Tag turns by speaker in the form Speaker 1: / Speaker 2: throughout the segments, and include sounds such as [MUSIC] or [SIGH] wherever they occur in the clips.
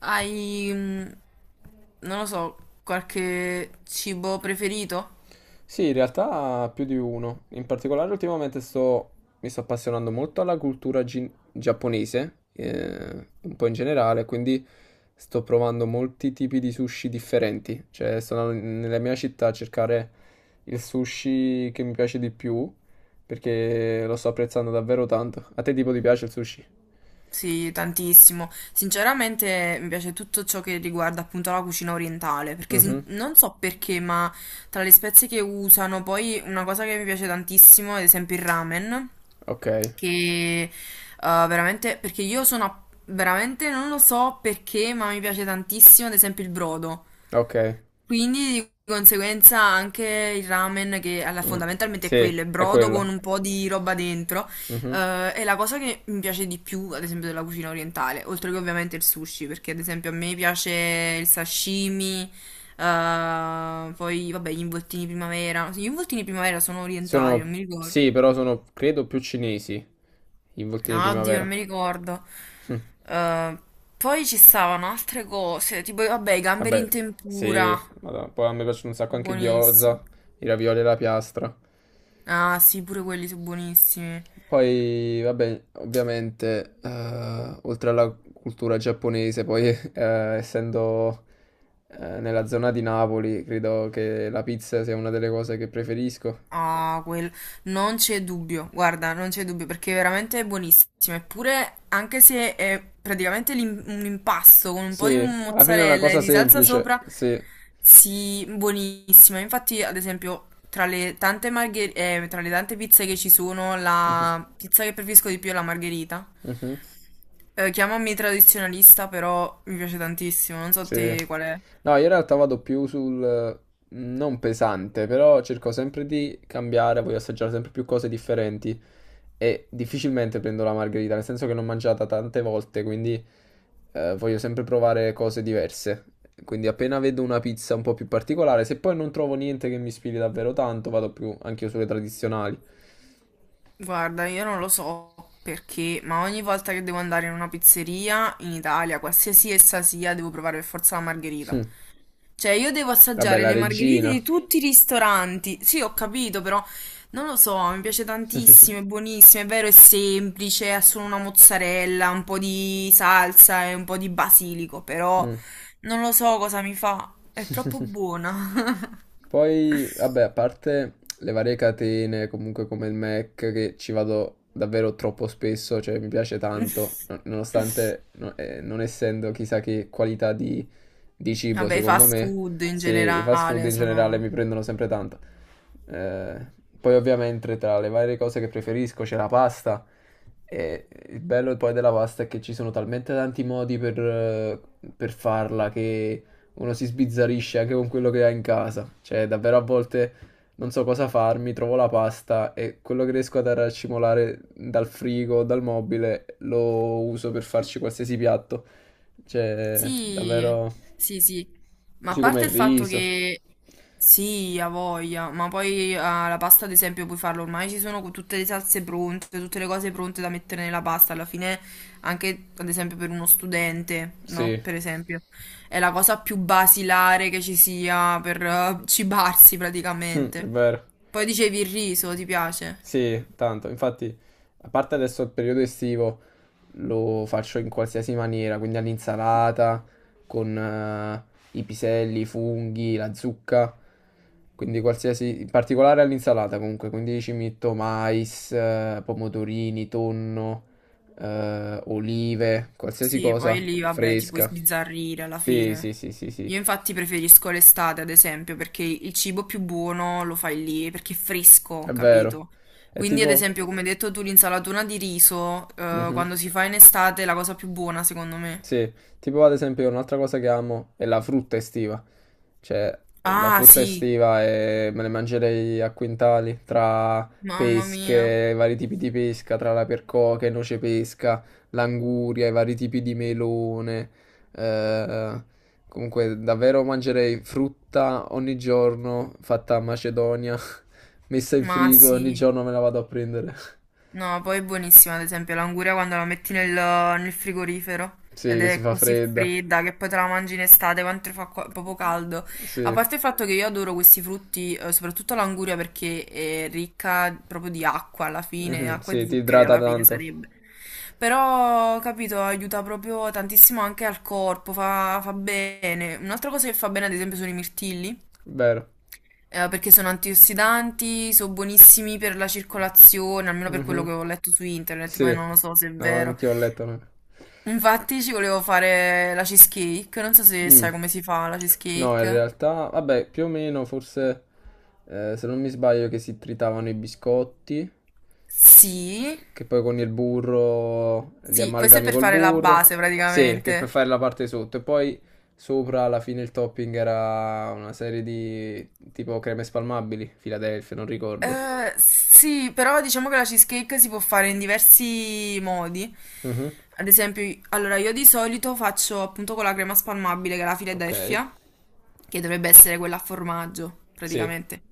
Speaker 1: Hai, non lo so, qualche cibo preferito?
Speaker 2: Sì, in realtà più di uno. In particolare ultimamente mi sto appassionando molto alla cultura giapponese, un po' in generale, quindi sto provando molti tipi di sushi differenti. Cioè, sono nella mia città a cercare il sushi che mi piace di più, perché lo sto apprezzando davvero tanto. A te tipo ti piace il sushi?
Speaker 1: Sì, tantissimo. Sinceramente mi piace tutto ciò che riguarda appunto la cucina orientale, perché
Speaker 2: Mhm.
Speaker 1: non so perché, ma tra le spezie che usano, poi una cosa che mi piace tantissimo, ad esempio il ramen,
Speaker 2: Ok,
Speaker 1: che veramente, perché io sono, veramente non lo so perché, ma mi piace tantissimo, ad esempio il brodo.
Speaker 2: ok.
Speaker 1: Quindi di conseguenza anche il ramen che
Speaker 2: Mm.
Speaker 1: fondamentalmente è
Speaker 2: Sì,
Speaker 1: quello, è
Speaker 2: è
Speaker 1: brodo con
Speaker 2: quello.
Speaker 1: un po' di roba dentro.
Speaker 2: Mhm.
Speaker 1: È la cosa che mi piace di più, ad esempio, della cucina orientale, oltre che ovviamente il sushi, perché ad esempio a me piace il sashimi, poi vabbè gli involtini primavera. Sì, gli involtini primavera sono orientali,
Speaker 2: Sono,
Speaker 1: non mi ricordo.
Speaker 2: sì, però sono, credo, più cinesi i voltini
Speaker 1: Ah, oddio, non
Speaker 2: primavera.
Speaker 1: mi ricordo.
Speaker 2: Hm.
Speaker 1: Eh, poi ci stavano altre cose, tipo vabbè i gamberi
Speaker 2: Vabbè,
Speaker 1: in
Speaker 2: sì,
Speaker 1: tempura,
Speaker 2: madonna. Poi a me piacciono un sacco anche i
Speaker 1: buonissimi.
Speaker 2: gyoza, i ravioli alla piastra.
Speaker 1: Ah, sì, pure quelli sono buonissimi.
Speaker 2: Poi, vabbè, ovviamente, oltre alla cultura giapponese, poi, [LAUGHS] essendo, nella zona di Napoli, credo che la pizza sia una delle cose che preferisco.
Speaker 1: Ah, quel... Non c'è dubbio, guarda, non c'è dubbio, perché è veramente buonissimo. Eppure, anche se è praticamente un impasto con un po' di
Speaker 2: Sì, alla fine è una
Speaker 1: mozzarella e
Speaker 2: cosa
Speaker 1: di salsa
Speaker 2: semplice,
Speaker 1: sopra,
Speaker 2: sì.
Speaker 1: sì, buonissima. Infatti, ad esempio, tra le tante tra le tante pizze che ci sono,
Speaker 2: Mhm,
Speaker 1: la pizza che preferisco di più è la margherita.
Speaker 2: mhm.
Speaker 1: Chiamami tradizionalista, però mi piace tantissimo. Non so
Speaker 2: Sì.
Speaker 1: te qual è.
Speaker 2: No, io in realtà vado più sul non pesante, però cerco sempre di cambiare, voglio assaggiare sempre più cose differenti e difficilmente prendo la margherita, nel senso che l'ho mangiata tante volte, quindi voglio sempre provare cose diverse. Quindi appena vedo una pizza un po' più particolare, se poi non trovo niente che mi ispiri davvero tanto, vado più anche io sulle tradizionali.
Speaker 1: Guarda, io non lo so perché, ma ogni volta che devo andare in una pizzeria in Italia, qualsiasi essa sia, devo provare per forza la margherita.
Speaker 2: Hm.
Speaker 1: Cioè, io devo
Speaker 2: Vabbè,
Speaker 1: assaggiare
Speaker 2: la
Speaker 1: le margherite
Speaker 2: regina.
Speaker 1: di tutti i ristoranti. Sì, ho capito, però non lo so, mi piace tantissimo, è buonissimo, è vero, è semplice, ha solo una
Speaker 2: [LAUGHS]
Speaker 1: mozzarella, un po' di salsa e un po' di basilico, però
Speaker 2: Mm.
Speaker 1: non lo so cosa mi fa, è troppo
Speaker 2: [LAUGHS]
Speaker 1: buona.
Speaker 2: Poi, vabbè, a parte le varie catene, comunque come il Mac, che ci vado davvero troppo spesso, cioè mi piace tanto,
Speaker 1: [LAUGHS]
Speaker 2: nonostante non essendo chissà che qualità di cibo,
Speaker 1: Vabbè, i
Speaker 2: secondo
Speaker 1: fast
Speaker 2: me,
Speaker 1: food in
Speaker 2: se i fast food
Speaker 1: generale
Speaker 2: in generale
Speaker 1: sono...
Speaker 2: mi prendono sempre tanto. Eh, Poi ovviamente tra le varie cose che preferisco c'è la pasta e il bello poi della pasta è che ci sono talmente tanti modi per farla che uno si sbizzarrisce anche con quello che ha in casa. Cioè, davvero a volte non so cosa farmi, trovo la pasta e quello che riesco ad racimolare dal frigo o dal mobile lo uso per farci qualsiasi piatto. Cioè,
Speaker 1: Sì,
Speaker 2: davvero
Speaker 1: sì, sì. Ma a
Speaker 2: così come
Speaker 1: parte
Speaker 2: il
Speaker 1: il fatto
Speaker 2: riso.
Speaker 1: che sì, ha voglia, ma poi ah, la pasta ad esempio puoi farlo, ormai ci sono tutte le salse pronte, tutte le cose pronte da mettere nella pasta, alla fine anche ad esempio per uno studente,
Speaker 2: Sì, [LAUGHS]
Speaker 1: no?
Speaker 2: è
Speaker 1: Per esempio, è la cosa più basilare che ci sia per cibarsi praticamente.
Speaker 2: vero.
Speaker 1: Poi dicevi il riso, ti piace?
Speaker 2: Sì, tanto. Infatti, a parte adesso il periodo estivo, lo faccio in qualsiasi maniera, quindi all'insalata, con i piselli, i funghi, la zucca, quindi qualsiasi, in particolare all'insalata comunque, quindi ci metto mais, pomodorini, tonno, olive, qualsiasi
Speaker 1: Sì, poi
Speaker 2: cosa
Speaker 1: lì vabbè ti puoi
Speaker 2: fresca.
Speaker 1: sbizzarrire alla
Speaker 2: Sì,
Speaker 1: fine.
Speaker 2: sì, sì, sì, sì,
Speaker 1: Io infatti preferisco l'estate, ad esempio, perché il cibo più buono lo fai lì, perché è fresco,
Speaker 2: è vero.
Speaker 1: capito?
Speaker 2: È
Speaker 1: Quindi, ad
Speaker 2: tipo...
Speaker 1: esempio, come hai detto tu, l'insalatura di riso,
Speaker 2: Mhm.
Speaker 1: quando si fa in estate è la cosa più buona, secondo me.
Speaker 2: Sì, tipo ad esempio un'altra cosa che amo è la frutta estiva. Cioè, la
Speaker 1: Ah,
Speaker 2: frutta
Speaker 1: sì,
Speaker 2: estiva me ne mangerei a quintali tra
Speaker 1: mamma mia.
Speaker 2: pesche, vari tipi di pesca, tra la percoca e noce pesca, l'anguria, i vari tipi di melone. eh, Comunque, davvero mangerei frutta ogni giorno fatta a Macedonia, [LAUGHS] messa in
Speaker 1: Ma
Speaker 2: frigo, ogni
Speaker 1: sì.
Speaker 2: giorno me la vado a prendere. [LAUGHS]
Speaker 1: No, poi è buonissima, ad esempio, l'anguria quando la metti nel frigorifero
Speaker 2: Sì,
Speaker 1: ed
Speaker 2: che si
Speaker 1: è
Speaker 2: fa
Speaker 1: così
Speaker 2: fredda.
Speaker 1: fredda che poi te la mangi in estate quanto fa proprio caldo. A
Speaker 2: Sì,
Speaker 1: parte il fatto che io adoro questi frutti, soprattutto l'anguria perché è ricca proprio di acqua alla fine,
Speaker 2: mhm,
Speaker 1: acqua e
Speaker 2: sì, ti
Speaker 1: zuccheri
Speaker 2: idrata
Speaker 1: alla fine
Speaker 2: tanto.
Speaker 1: sarebbe. Però, capito, aiuta proprio tantissimo anche al corpo, fa bene. Un'altra cosa che fa bene, ad esempio, sono i mirtilli
Speaker 2: Vero.
Speaker 1: perché sono antiossidanti, sono buonissimi per la circolazione, almeno per quello
Speaker 2: Mhm.
Speaker 1: che ho letto su internet, poi
Speaker 2: Sì,
Speaker 1: non lo so se è
Speaker 2: no,
Speaker 1: vero.
Speaker 2: anche ho letto. No.
Speaker 1: Infatti ci volevo fare la cheesecake, non so se sai
Speaker 2: Mm.
Speaker 1: come si fa la
Speaker 2: No, in
Speaker 1: cheesecake.
Speaker 2: realtà, vabbè, più o meno, forse, se non mi sbaglio, che si tritavano i biscotti,
Speaker 1: Sì,
Speaker 2: che poi con il burro li
Speaker 1: sì, questo è
Speaker 2: amalgami
Speaker 1: per
Speaker 2: col
Speaker 1: fare la
Speaker 2: burro.
Speaker 1: base
Speaker 2: Sì, che per
Speaker 1: praticamente.
Speaker 2: fare la parte sotto. E poi sopra, alla fine, il topping era una serie di tipo creme spalmabili, Philadelphia, non ricordo.
Speaker 1: Sì, però diciamo che la cheesecake si può fare in diversi modi.
Speaker 2: Mhm.
Speaker 1: Ad esempio, allora io di solito faccio appunto con la crema spalmabile che è la
Speaker 2: Ok.
Speaker 1: Philadelphia. Che dovrebbe essere quella a formaggio,
Speaker 2: Sì.
Speaker 1: praticamente.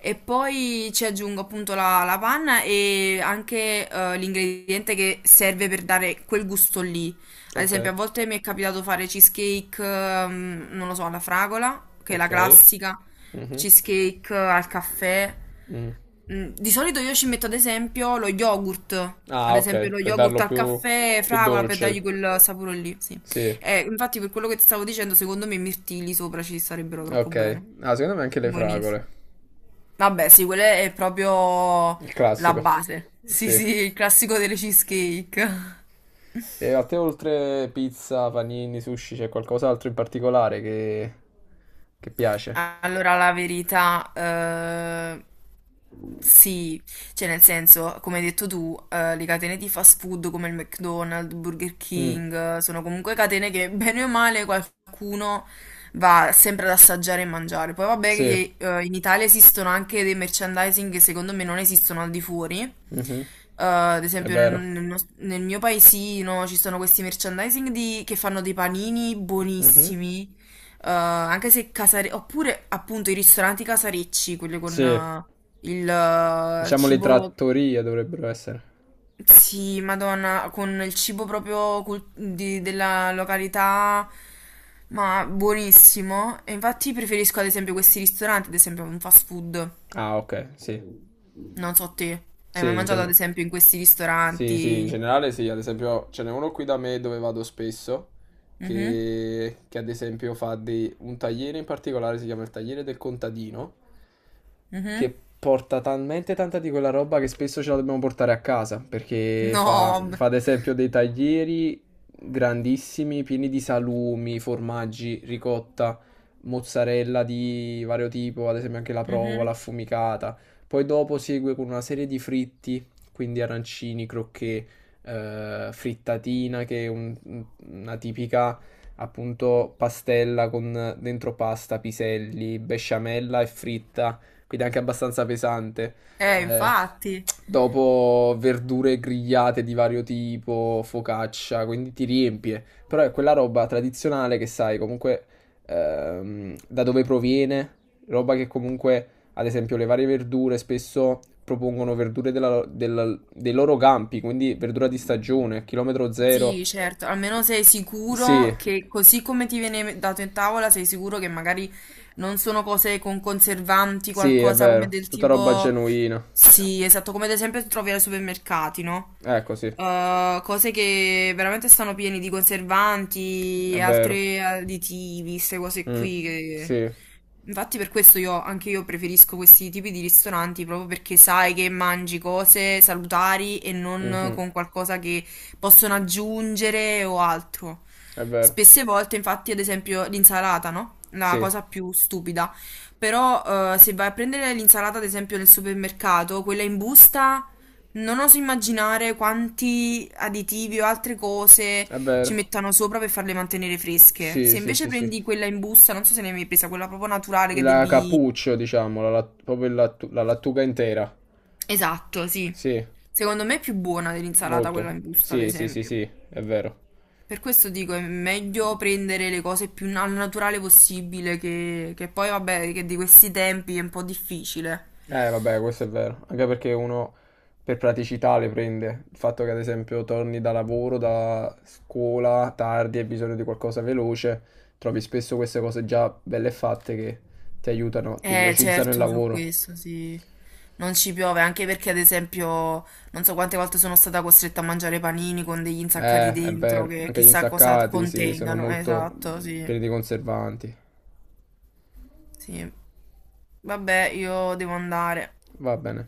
Speaker 1: E poi ci aggiungo appunto la panna e anche l'ingrediente che serve per dare quel gusto lì. Ad
Speaker 2: Ok,
Speaker 1: esempio, a volte mi è capitato fare cheesecake, non lo so, alla fragola, che è la
Speaker 2: ok.
Speaker 1: classica,
Speaker 2: Mhm.
Speaker 1: cheesecake al caffè.
Speaker 2: Mm.
Speaker 1: Mm, di solito io ci metto ad esempio lo yogurt, ad
Speaker 2: Ah,
Speaker 1: esempio
Speaker 2: ok,
Speaker 1: lo
Speaker 2: per
Speaker 1: yogurt
Speaker 2: darlo
Speaker 1: al
Speaker 2: più,
Speaker 1: caffè,
Speaker 2: più
Speaker 1: fragola per
Speaker 2: dolce.
Speaker 1: dargli quel sapore lì, sì.
Speaker 2: Sì,
Speaker 1: Infatti per quello che ti stavo dicendo, secondo me i mirtilli sopra ci starebbero troppo
Speaker 2: ok.
Speaker 1: bene.
Speaker 2: Ah, secondo me anche le
Speaker 1: Buonissimo.
Speaker 2: fragole.
Speaker 1: Vabbè, sì, quella è proprio
Speaker 2: Il
Speaker 1: la
Speaker 2: classico.
Speaker 1: base. Sì,
Speaker 2: Sì.
Speaker 1: sì, il classico delle cheesecake.
Speaker 2: E a te oltre pizza, panini, sushi, c'è qualcos'altro in particolare che piace?
Speaker 1: Allora, la verità, sì, cioè nel senso, come hai detto tu, le catene di fast food come il McDonald's, Burger
Speaker 2: Mm.
Speaker 1: King, sono comunque catene che [LAUGHS] bene o male qualcuno va sempre ad assaggiare e mangiare. Poi vabbè
Speaker 2: Sì.
Speaker 1: che in Italia esistono anche dei merchandising che secondo me non esistono al di fuori.
Speaker 2: Mhm.
Speaker 1: Ad
Speaker 2: È
Speaker 1: esempio
Speaker 2: vero.
Speaker 1: nel mio paesino ci sono questi merchandising che fanno dei panini
Speaker 2: Mhm.
Speaker 1: buonissimi anche se casare... Oppure appunto i ristoranti casarecci, quelli con
Speaker 2: Sì.
Speaker 1: il
Speaker 2: Diciamo le
Speaker 1: cibo...
Speaker 2: trattorie dovrebbero essere.
Speaker 1: Sì, Madonna, con il cibo proprio della località, ma buonissimo. E infatti preferisco ad esempio questi ristoranti, ad esempio un fast food.
Speaker 2: Ah, ok, sì.
Speaker 1: Non so te. Hai mai
Speaker 2: Sì, in
Speaker 1: mangiato ad
Speaker 2: genere.
Speaker 1: esempio in questi
Speaker 2: Sì, sì, in
Speaker 1: ristoranti?
Speaker 2: generale sì, ad esempio ce n'è uno qui da me dove vado spesso,
Speaker 1: Mhm,
Speaker 2: che ad esempio fa un tagliere in particolare, si chiama il tagliere del contadino,
Speaker 1: mhm.
Speaker 2: che porta talmente tanta di quella roba che spesso ce la dobbiamo portare a casa, perché
Speaker 1: No,
Speaker 2: fa,
Speaker 1: vabbè.
Speaker 2: fa ad esempio dei taglieri grandissimi, pieni di salumi, formaggi, ricotta, mozzarella di vario tipo, ad esempio anche la
Speaker 1: Mhm.
Speaker 2: provola affumicata. Poi dopo segue con una serie di fritti quindi arancini, crocchè, frittatina, che è una tipica appunto pastella con dentro pasta, piselli, besciamella e fritta, quindi anche abbastanza pesante. Eh,
Speaker 1: Infatti.
Speaker 2: Dopo verdure grigliate di vario tipo, focaccia, quindi ti riempie. Però è quella roba tradizionale che sai comunque da dove proviene, roba che comunque ad esempio le varie verdure spesso propongono verdure dei loro campi, quindi verdura di stagione, chilometro zero.
Speaker 1: Sì, certo, almeno sei
Speaker 2: Sì,
Speaker 1: sicuro che così come ti viene dato in tavola, sei sicuro che magari non sono cose con conservanti,
Speaker 2: sì, è
Speaker 1: qualcosa come
Speaker 2: vero,
Speaker 1: del
Speaker 2: tutta roba
Speaker 1: tipo...
Speaker 2: genuina.
Speaker 1: Sì, esatto, come ad esempio trovi ai supermercati, no?
Speaker 2: Ecco, sì, è
Speaker 1: Cose che veramente stanno pieni di conservanti,
Speaker 2: vero.
Speaker 1: altri additivi, queste cose qui
Speaker 2: Mm,
Speaker 1: che...
Speaker 2: sì,
Speaker 1: Infatti per questo io, anche io preferisco questi tipi di ristoranti proprio perché sai che mangi cose salutari e non
Speaker 2: mhm,
Speaker 1: con qualcosa che possono aggiungere o altro.
Speaker 2: è vero,
Speaker 1: Spesse volte, infatti, ad esempio l'insalata, no? La
Speaker 2: sì,
Speaker 1: cosa più stupida. Però se vai a prendere l'insalata, ad esempio, nel supermercato, quella in busta, non oso immaginare quanti additivi o altre cose
Speaker 2: è
Speaker 1: ci
Speaker 2: vero.
Speaker 1: mettano sopra per farle mantenere fresche.
Speaker 2: Sì,
Speaker 1: Se
Speaker 2: sì,
Speaker 1: invece
Speaker 2: sì, sì.
Speaker 1: prendi quella in busta, non so se ne hai mai presa, quella proprio naturale che
Speaker 2: La
Speaker 1: devi...
Speaker 2: cappuccio, diciamo, proprio la lattuga intera.
Speaker 1: Esatto, sì.
Speaker 2: Sì.
Speaker 1: Secondo me è più buona dell'insalata quella
Speaker 2: Molto.
Speaker 1: in busta, ad
Speaker 2: Sì, sì, sì,
Speaker 1: esempio.
Speaker 2: sì, è vero.
Speaker 1: Per questo dico, è meglio prendere le cose più al naturale possibile, che poi vabbè, che di questi tempi è un po' difficile.
Speaker 2: Vabbè, questo è vero. Anche perché uno per praticità le prende. Il fatto che, ad esempio, torni da lavoro, da scuola tardi, e hai bisogno di qualcosa veloce, trovi spesso queste cose già belle fatte che ti aiutano, ti velocizzano il
Speaker 1: Certo, su
Speaker 2: lavoro.
Speaker 1: questo sì. Non ci piove, anche perché ad esempio non so quante volte sono stata costretta a mangiare panini con degli insaccati
Speaker 2: È
Speaker 1: dentro
Speaker 2: vero.
Speaker 1: che
Speaker 2: Anche gli
Speaker 1: chissà cosa
Speaker 2: insaccati, sì, sono
Speaker 1: contengano.
Speaker 2: molto
Speaker 1: Esatto, sì.
Speaker 2: pieni di conservanti.
Speaker 1: Sì. Vabbè, io devo andare.
Speaker 2: Va bene.